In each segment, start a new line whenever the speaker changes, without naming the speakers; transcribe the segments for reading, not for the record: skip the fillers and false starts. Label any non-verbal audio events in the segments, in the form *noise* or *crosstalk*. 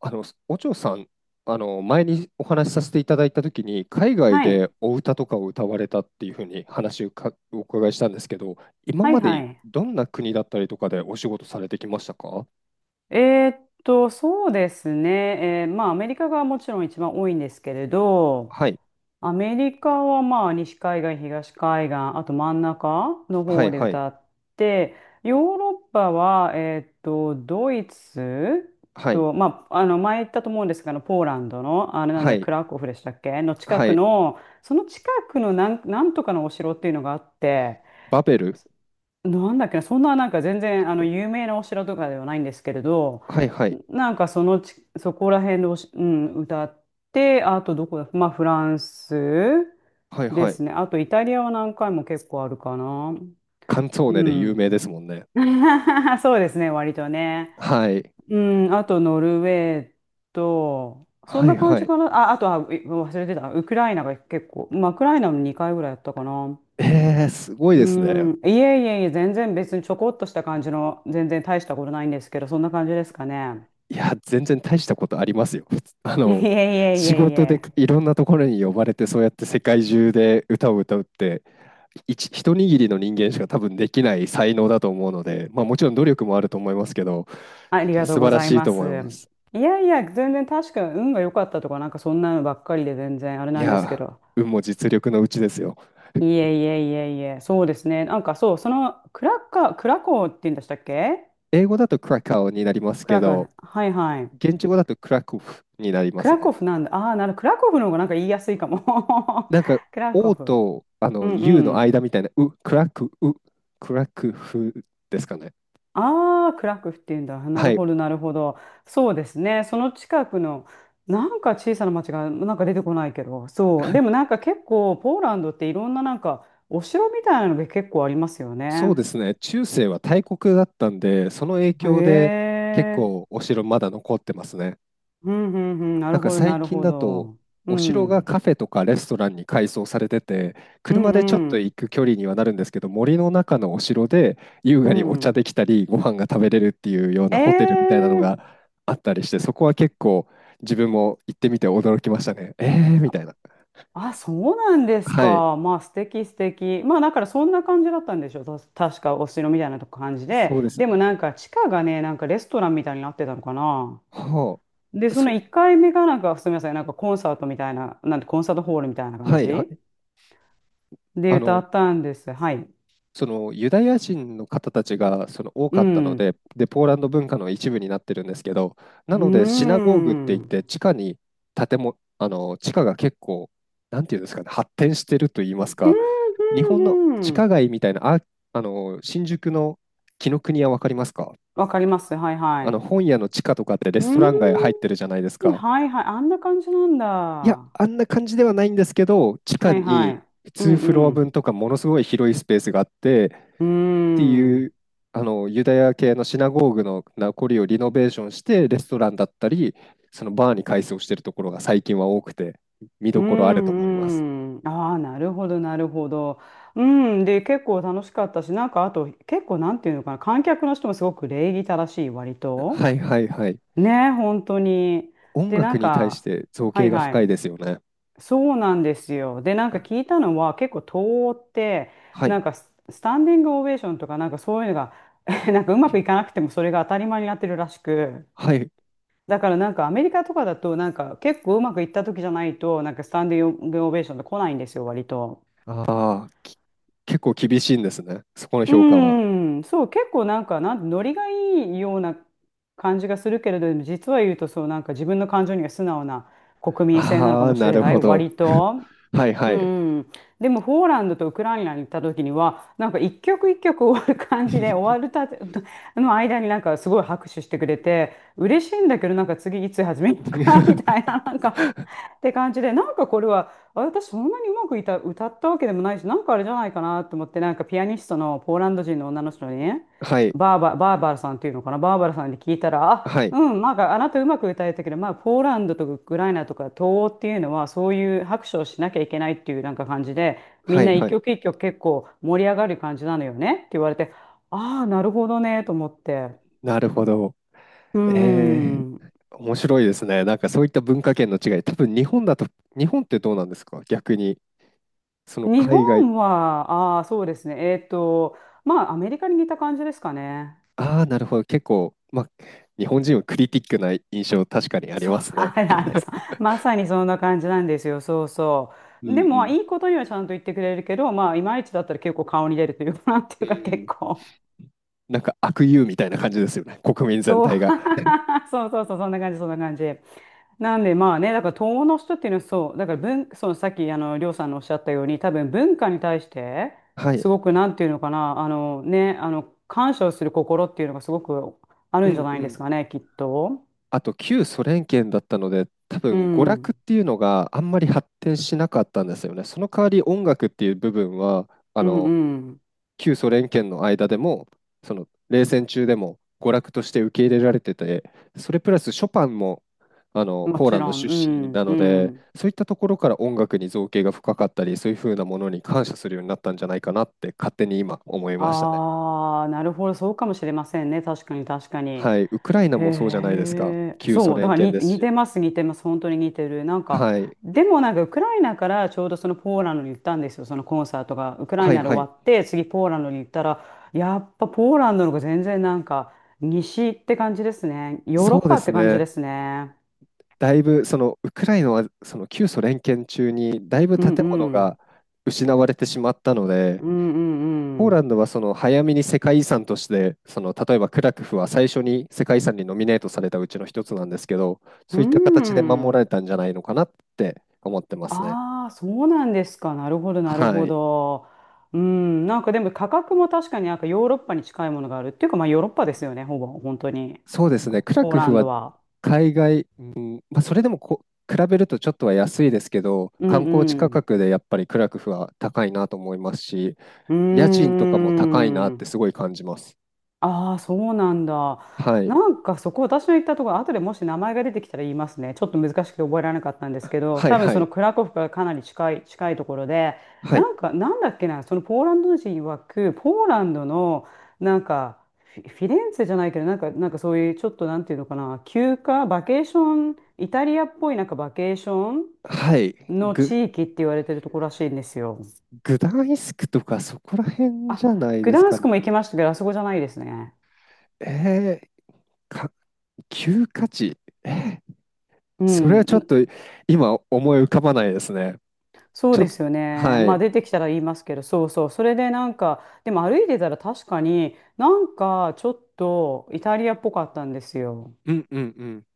お嬢さん、前にお話しさせていただいたときに、海外
は
で
い。
お歌とかを歌われたっていうふうに話をお伺いしたんですけど、今
はい
ま
は
で
い。
どんな国だったりとかでお仕事されてきましたか？
そうですね。まあ、アメリカがもちろん一番多いんですけれど、
はい、
アメリカはまあ、西海岸、東海岸、あと真ん中の
は
方
い、
で
はい、
歌って、ヨーロッパは、ドイツ
はい、
と、まあ、前言ったと思うんですが、ポーランドの、あれなん
は
だ、ク
い、
ラクフでしたっけの近
は
く
い、
の、その近くのなんとかのお城っていうのがあって、
バベル
なんだっけな、そんな全
と
然あの
か、
有名なお城とかではないんですけれど、
はい、はい、
なんかそのそこら辺でうん、歌って、あとどこだ、まあフランス
はい、
で
はい、
すね。あとイタリアは何回も結構あるかな。
カンツォー
う
ネで有名
ん。
ですもんね。
*laughs* そうですね、割とね。
はい、
うん、あとノルウェーと、そん
はい、
な感
は
じ
い。
かな。あ、あとは、う忘れてた。ウクライナが結構、まあ、ウクライナも2回ぐらいやったかな。
えー、すごい
う
ですね。
ん、いえいえいえ、全然別にちょこっとした感じの、全然大したことないんですけど、そんな感じですかね。
いや、全然大したことありますよ。あ
*laughs* いえい
の、
えい
仕
えい
事で
え、
いろんなところに呼ばれて、そうやって世界中で歌を歌うって、一握りの人間しか多分できない才能だと思うので、まあもちろん努力もあると思いますけど、
ありがとう
素晴
ご
ら
ざい
しい
ま
と
す。
思います。
いやいや、全然確か運が良かったとか、なんかそんなのばっかりで全然あれ
い
なんですけ
や、
ど。
運も実力のうちですよ。
いえいえいえいえ、そうですね。なんかそう、そのクラコーって言うんでしたっけ。
英語だとクラカオになります
ク
け
ラコー
ど、
ね、はいはい。
現地語だとクラクフになりま
ク
す
ラ
ね。
コフなんだ。ああ、クラコフの方がなんか言いやすいかも。
なんか、
*laughs* クラコ
O
フ。
とあ
う
の
んう
U の
ん。
間みたいな、う、クラクフですかね。
ああ、クラクフっていうんだ。な
は
る
い。
ほど、なるほど。そうですね。その近くの、なんか小さな町が、なんか出てこないけど、そう。でもなんか結構、ポーランドっていろんななんか、お城みたいなのが結構ありますよ
そ
ね。
うですね、中世は大国だったんで、その影
へ
響で結
え。
構お城まだ残ってますね。
うんうんうん。な
な
る
んか
ほど、な
最
る
近
ほ
だと、
ど。う
お城が
ん。
カフェとかレストランに改装されてて、
う
車
ん
でちょっ
う
と
ん。
行く距離にはなるんですけど、森の中のお城で優
う
雅にお茶
ん。
できたり、ご飯が食べれるっていうような
え
ホテルみたいなのが
え。
あったりして、そこは結構自分も行ってみて驚きましたね。えーみたいな。
あ、そうなんです
はい、
か。まあ、素敵素敵。まあ、だからそんな感じだったんでしょ。確か、お城みたいなとこ感じで。
そうですね。
でもなんか、地下がね、なんかレストランみたいになってたのかな。
は
で、
あ、
その1回目がなんか、すみません、なんかコンサートみたいな、なんてコンサートホールみたいな感
はい、は
じ
い。
で
あ
歌
の、
ったんです。はい。
そのユダヤ人の方たちがその多
う
かったの
ん。
で、で、ポーランド文化の一部になってるんですけど、
う
な
ー
のでシナゴーグって言っ
ん。うん、
て地下に建物、あの地下が結構、なんていうんですかね、発展してると言いますか、
うん、
日本の地
う
下
ん。
街みたいな、あ、あの新宿の紀伊国屋わかりますか？
わかります。はい、は
あ
い。
の
う
本屋の地下とかってレ
ー
スト
ん。
ラン街入ってるじゃないですか。
はい、はい。あんな感じなんだ。
いや、
は
あんな感じではないんですけど、地下
い、は
に
い。う
2
ん、
フロア
うん。
分とかものすごい広いスペースがあって、
うー
て
ん。
い
う
うあのユダヤ系のシナゴーグの名残をリノベーションしてレストランだったりそのバーに改装してるところが最近は多くて見
ー
どころあると思います。
ん、うん。ああ、なるほど、なるほど。うん。で、結構楽しかったし、なんかあと、結構なんていうのかな、観客の人もすごく礼儀正しい、割
は
と。
いはいはい。
ねえ、本当に。
音
で、な
楽
ん
に対し
か、
て造
は
詣
い
が
は
深い
い。
ですよね。
そうなんですよ。で、なんか聞いたのは、結構東欧って、
は
な
い
んかスタンディングオベーションとか、なんかそういうのが、*laughs* なんかうまくいかなくても、それが当たり前になってるらしく。
はい。
だからなんかアメリカとかだとなんか結構うまくいった時じゃないとなんかスタンディングオベーションって来ないんですよ割と。
ああ、結構厳しいんですね、そこの
う
評価は。
ーん、そう結構なんかノリがいいような感じがするけれど、でも実は言うと、そうなんか自分の感情には素直な国民性なの
あ
か
あ、
もし
な
れ
る
ない
ほど。
割と。
はいは
う
い。
ん、でもポーランドとウクライナに行った時にはなんか一曲一曲終わる感じで
*laughs*
終わるたての間になんかすごい拍手してくれて嬉しいんだけど、なんか次いつ始めようかなみたいな、*laughs* なんかって感じで、なんかこれは、あ私そんなにうまく歌ったわけでもないし、なんかあれじゃないかなと思って、なんかピアニストのポーランド人の女の人にね、
はい
バーバラさんっていうのかな、バーバラさんに聞いたら、
はい
うん、まああなたうまく歌えたけど、まあ、ポーランドとかウクライナとか東欧っていうのはそういう拍手をしなきゃいけないっていうなんか感じで、み
は
ん
い
な一
はい。
曲一曲結構盛り上がる感じなのよねって言われて、ああなるほどねと思って、
なるほど。
う
え
ん。
ー、面白いですね。なんかそういった文化圏の違い、多分日本だと、日本ってどうなんですか逆に、その
日
海外、
本はああそうですね、まあアメリカに似た感じですかね。
ああ、なるほど、結構、まあ、日本人はクリティックな印象、確かにあり
そう、
ますね。
あらあら、そ
*laughs*
う、まさにそんな感じなんですよ。そうそ
う
う、で
んう
も
ん。
いいことにはちゃんと言ってくれるけど、まあいまいちだったら結構顔に出るというか、なんてい
う
うか結
ん。
構。
なんか悪友みたいな感じですよね、国民全
そう。
体が。
*laughs* そうそうそう、そんな感じ、そんな感じ。なんでまあね、だから東欧の人っていうのはそう、だからそのさっきりょうさんのおっしゃったように、多分文化に対して、
はい。
すごくなんていうのかな、あのね、感謝をする心っていうのがすごくあ
う
るんじゃ
ん
ない
う
で
ん。
すかね、きっと。
あと、旧ソ連圏だったので、多
う
分娯楽っ
ん。
ていうのがあんまり発展しなかったんですよね。その代わり音楽っていう部分は、あ
う
の
ん
旧ソ連圏の間でも、その冷戦中でも娯楽として受け入れられてて、それプラスショパンもあ
う
の
ん。も
ポー
ち
ランド
ろん。
出
う
身
ん
な
う
ので、
ん。
そういったところから音楽に造詣が深かったり、そういうふうなものに感謝するようになったんじゃないかなって勝手に今思いましたね。
ああ、なるほど、そうかもしれませんね。確かに確かに。
はい、ウクライナ
へ
もそうじゃないですか。
え、
旧ソ
そう、だ
連
から
圏です
似て
し。
ます、似てます、本当に似てる。なんか、
はい、
でもなんか、ウクライナからちょうどそのポーランドに行ったんですよ、そのコンサートが。ウクライ
はい
ナで
はい。
終わって、次ポーランドに行ったら、やっぱポーランドの方が全然なんか、西って感じですね。ヨーロ
そ
ッ
うで
パっ
す
て感じで
ね。
すね。
だいぶそのウクライナはその旧ソ連圏中にだいぶ
う
建
んう
物が
ん。
失われてしまったので、
う
ポー
んうん
ランドはその早めに世界遺産として、その例えばクラクフは最初に世界遺産にノミネートされたうちの一つなんですけど、
う
そういった
ん。う
形で守られ
ん。
たんじゃないのかなって思ってますね。
ああ、そうなんですか。なるほど、なる
は
ほ
い。
ど。うん、なんかでも価格も確かになんかヨーロッパに近いものがあるっていうか、まあヨーロッパですよね、ほぼ、本当に。
そうですね、クラ
ポー
ク
ラ
フ
ン
は
ドは。
海外、うんまあ、それでも比べるとちょっとは安いですけど、
う
観
ん
光地
う
価
ん。
格でやっぱりクラクフは高いなと思いますし、
うー
家賃とかも高いなって
ん。
すごい感じます。
ああ、そうなんだ。
はい、
なんかそこ私の言ったところ、後でもし名前が出てきたら言いますね。ちょっと難しくて覚えられなかったんですけど、
はい、
多分
は
そ
い、
のクラコフからかなり近いところで、
はい、
なんか、なんだっけな、そのポーランド人曰く、ポーランドの、なんか、フィレンツェじゃないけど、なんか、なんかそういう、ちょっとなんていうのかな、休暇、バケーション、イタリアっぽいなんかバケーショ
はい、
ンの
ぐ、
地域って言われてるところらしいんですよ。
グダンイスクとかそこら辺じ
あ、
ゃない
グ
で
ダ
す
ン
か
ス
ね。
クも行きましたけど、あそこじゃないですね。
えー、か、旧価値。えー、
う
それはちょっ
ん。
と今思い浮かばないですね。
そう
ちょっ
で
と、
すよね。
は
まあ
い。
出てきたら言いますけど、そうそう。それでなんか、でも歩いてたら確かになんかちょっとイタリアっぽかったんですよ。
うんうんうん。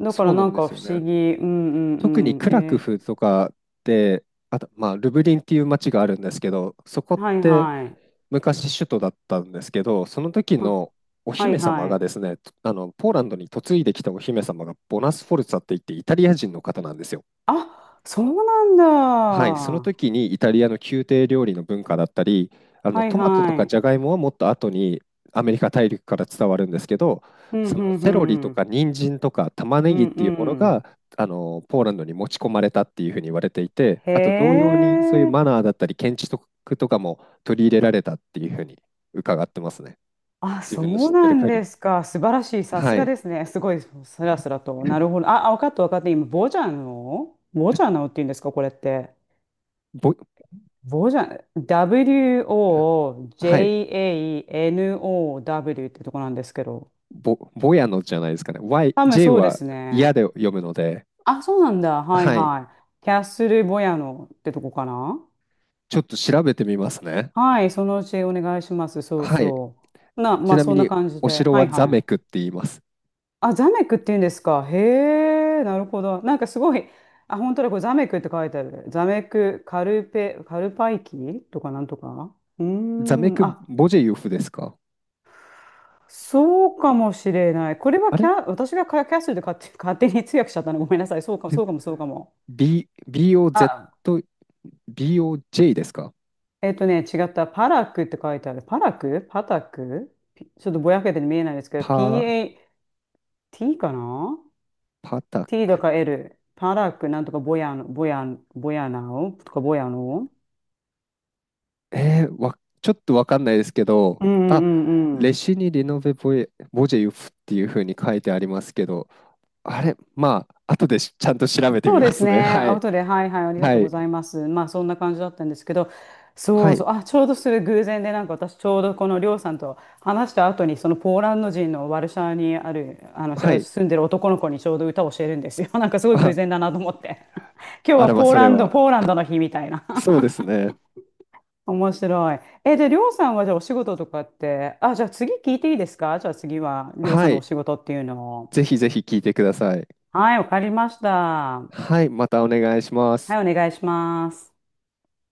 だか
そ
ら
うな
な
ん
ん
で
か
す
不
よ
思
ね。
議。うんう
特に
んう
ク
ん。
ラク
え
フとかで、あと、まあ、ルブリンっていう街があるんですけど、そこ
ー
っ
はい
て
はい。
昔首都だったんですけど、その時
あ、
のお
はい
姫様
は
が
い。
ですね、ポーランドに嫁いできたお姫様がボナス・フォルツァって言ってイタリア人の方なんですよ。
あ、そうなん
は
だ。
い、その時にイタリアの宮廷料理の文化だったり、あの
はい
トマトと
は
か
い。
ジャガイモはもっと後にアメリカ大陸から伝わるんですけど、
う
そ
んう
のセロリ
ん
と
うん。
か人参とか玉ね
う
ぎっ
んう
ていうもの
ん。
があのポーランドに持ち込まれたっていうふうに言われていて、あと同
へ
様にそういうマ
え。
ナーだったり建築とかも取り入れられたっていうふうに伺ってますね。
あ、
自
そ
分の
う
知って
な
る
ん
限
で
り。
すか。素晴らしい。さす
は
が
い。
ですね。すごい、スラスラと。なるほど。あ、あ、分かった分かった。今、ボジャノボジャノっていうんですか、これって。
ぼ、
ボジャ、
はい。
WOJANOW ってとこなんですけど。
ぼやのじゃないですかね。Y、
多分
J
そうで
は
す
嫌
ね。
で読むので、
あ、そうなんだ。はい
はい。
はい。キャッスルボヤノってとこかな。
ちょっと調べてみますね。
はい、そのうちお願いします。そう
はい。
そう。
ち
まあ、
なみ
そんな
に、
感じ
お
で。
城
は
は
い
ザ
は
メ
い。
クって言います。
あ、ザメクって言うんですか。へえ、なるほど。なんかすごい、あ、本当だ、これザメクって書いてあるね。ザメク、カルペ、カルパイキとかなんとか。うー
ザメ
ん、
ク・
あ、
ボジェユフですか？
そうかもしれない。これは
あれ
私がキャッスルで勝手に通訳しちゃったの。ごめんなさい。そうか、
*laughs*
そうかも。
?B、
あ、
BOZ、BOJ ですか？
えっとね、違った。パラクって書いてある。パラクパタクピちょっとぼやけて見えないですけど、
パー、
PAT かな、
パタ
T と
ク。
か L、パラックなんとかボヤの、ボヤナオとかボヤノ。
えー、わ、ちょっとわかんないですけど、
うんうん
あ、
うんう
レ
ん。
シにリノベボエ、ボジェユフっていうふうに書いてありますけど、あれまあ、後でちゃんと調べて
そう
み
で
ま
す
すね。
ね。
は
アウ
い。
トで、はいはい、ありが
は
とうござい
い。
ます。まあ、そんな感じだったんですけど、そ
は
うそ
い。
う、あ、ちょうどする偶然で、なんか私、ちょうどこのりょうさんと話した後に、そのポーランド人のワルシャワにある、
はい。
住んでる男の子にちょうど歌を教えるんですよ。*laughs* なんかすごい偶
あ、
然だなと思って。*laughs* 今日
あ
は
らま、
ポー
それ
ランド、
は。
ポーランドの日みたいな。
そうですね。
面白い。え、で、りょうさんはじゃあお仕事とかって、あ、じゃあ次聞いていいですか。じゃあ次はりょうさ
は
んのお
い。
仕事っていうのを。
ぜひぜひ聞いてください。
はい、わかりました。は
はい。またお願いしま
い、
す。
お願いします。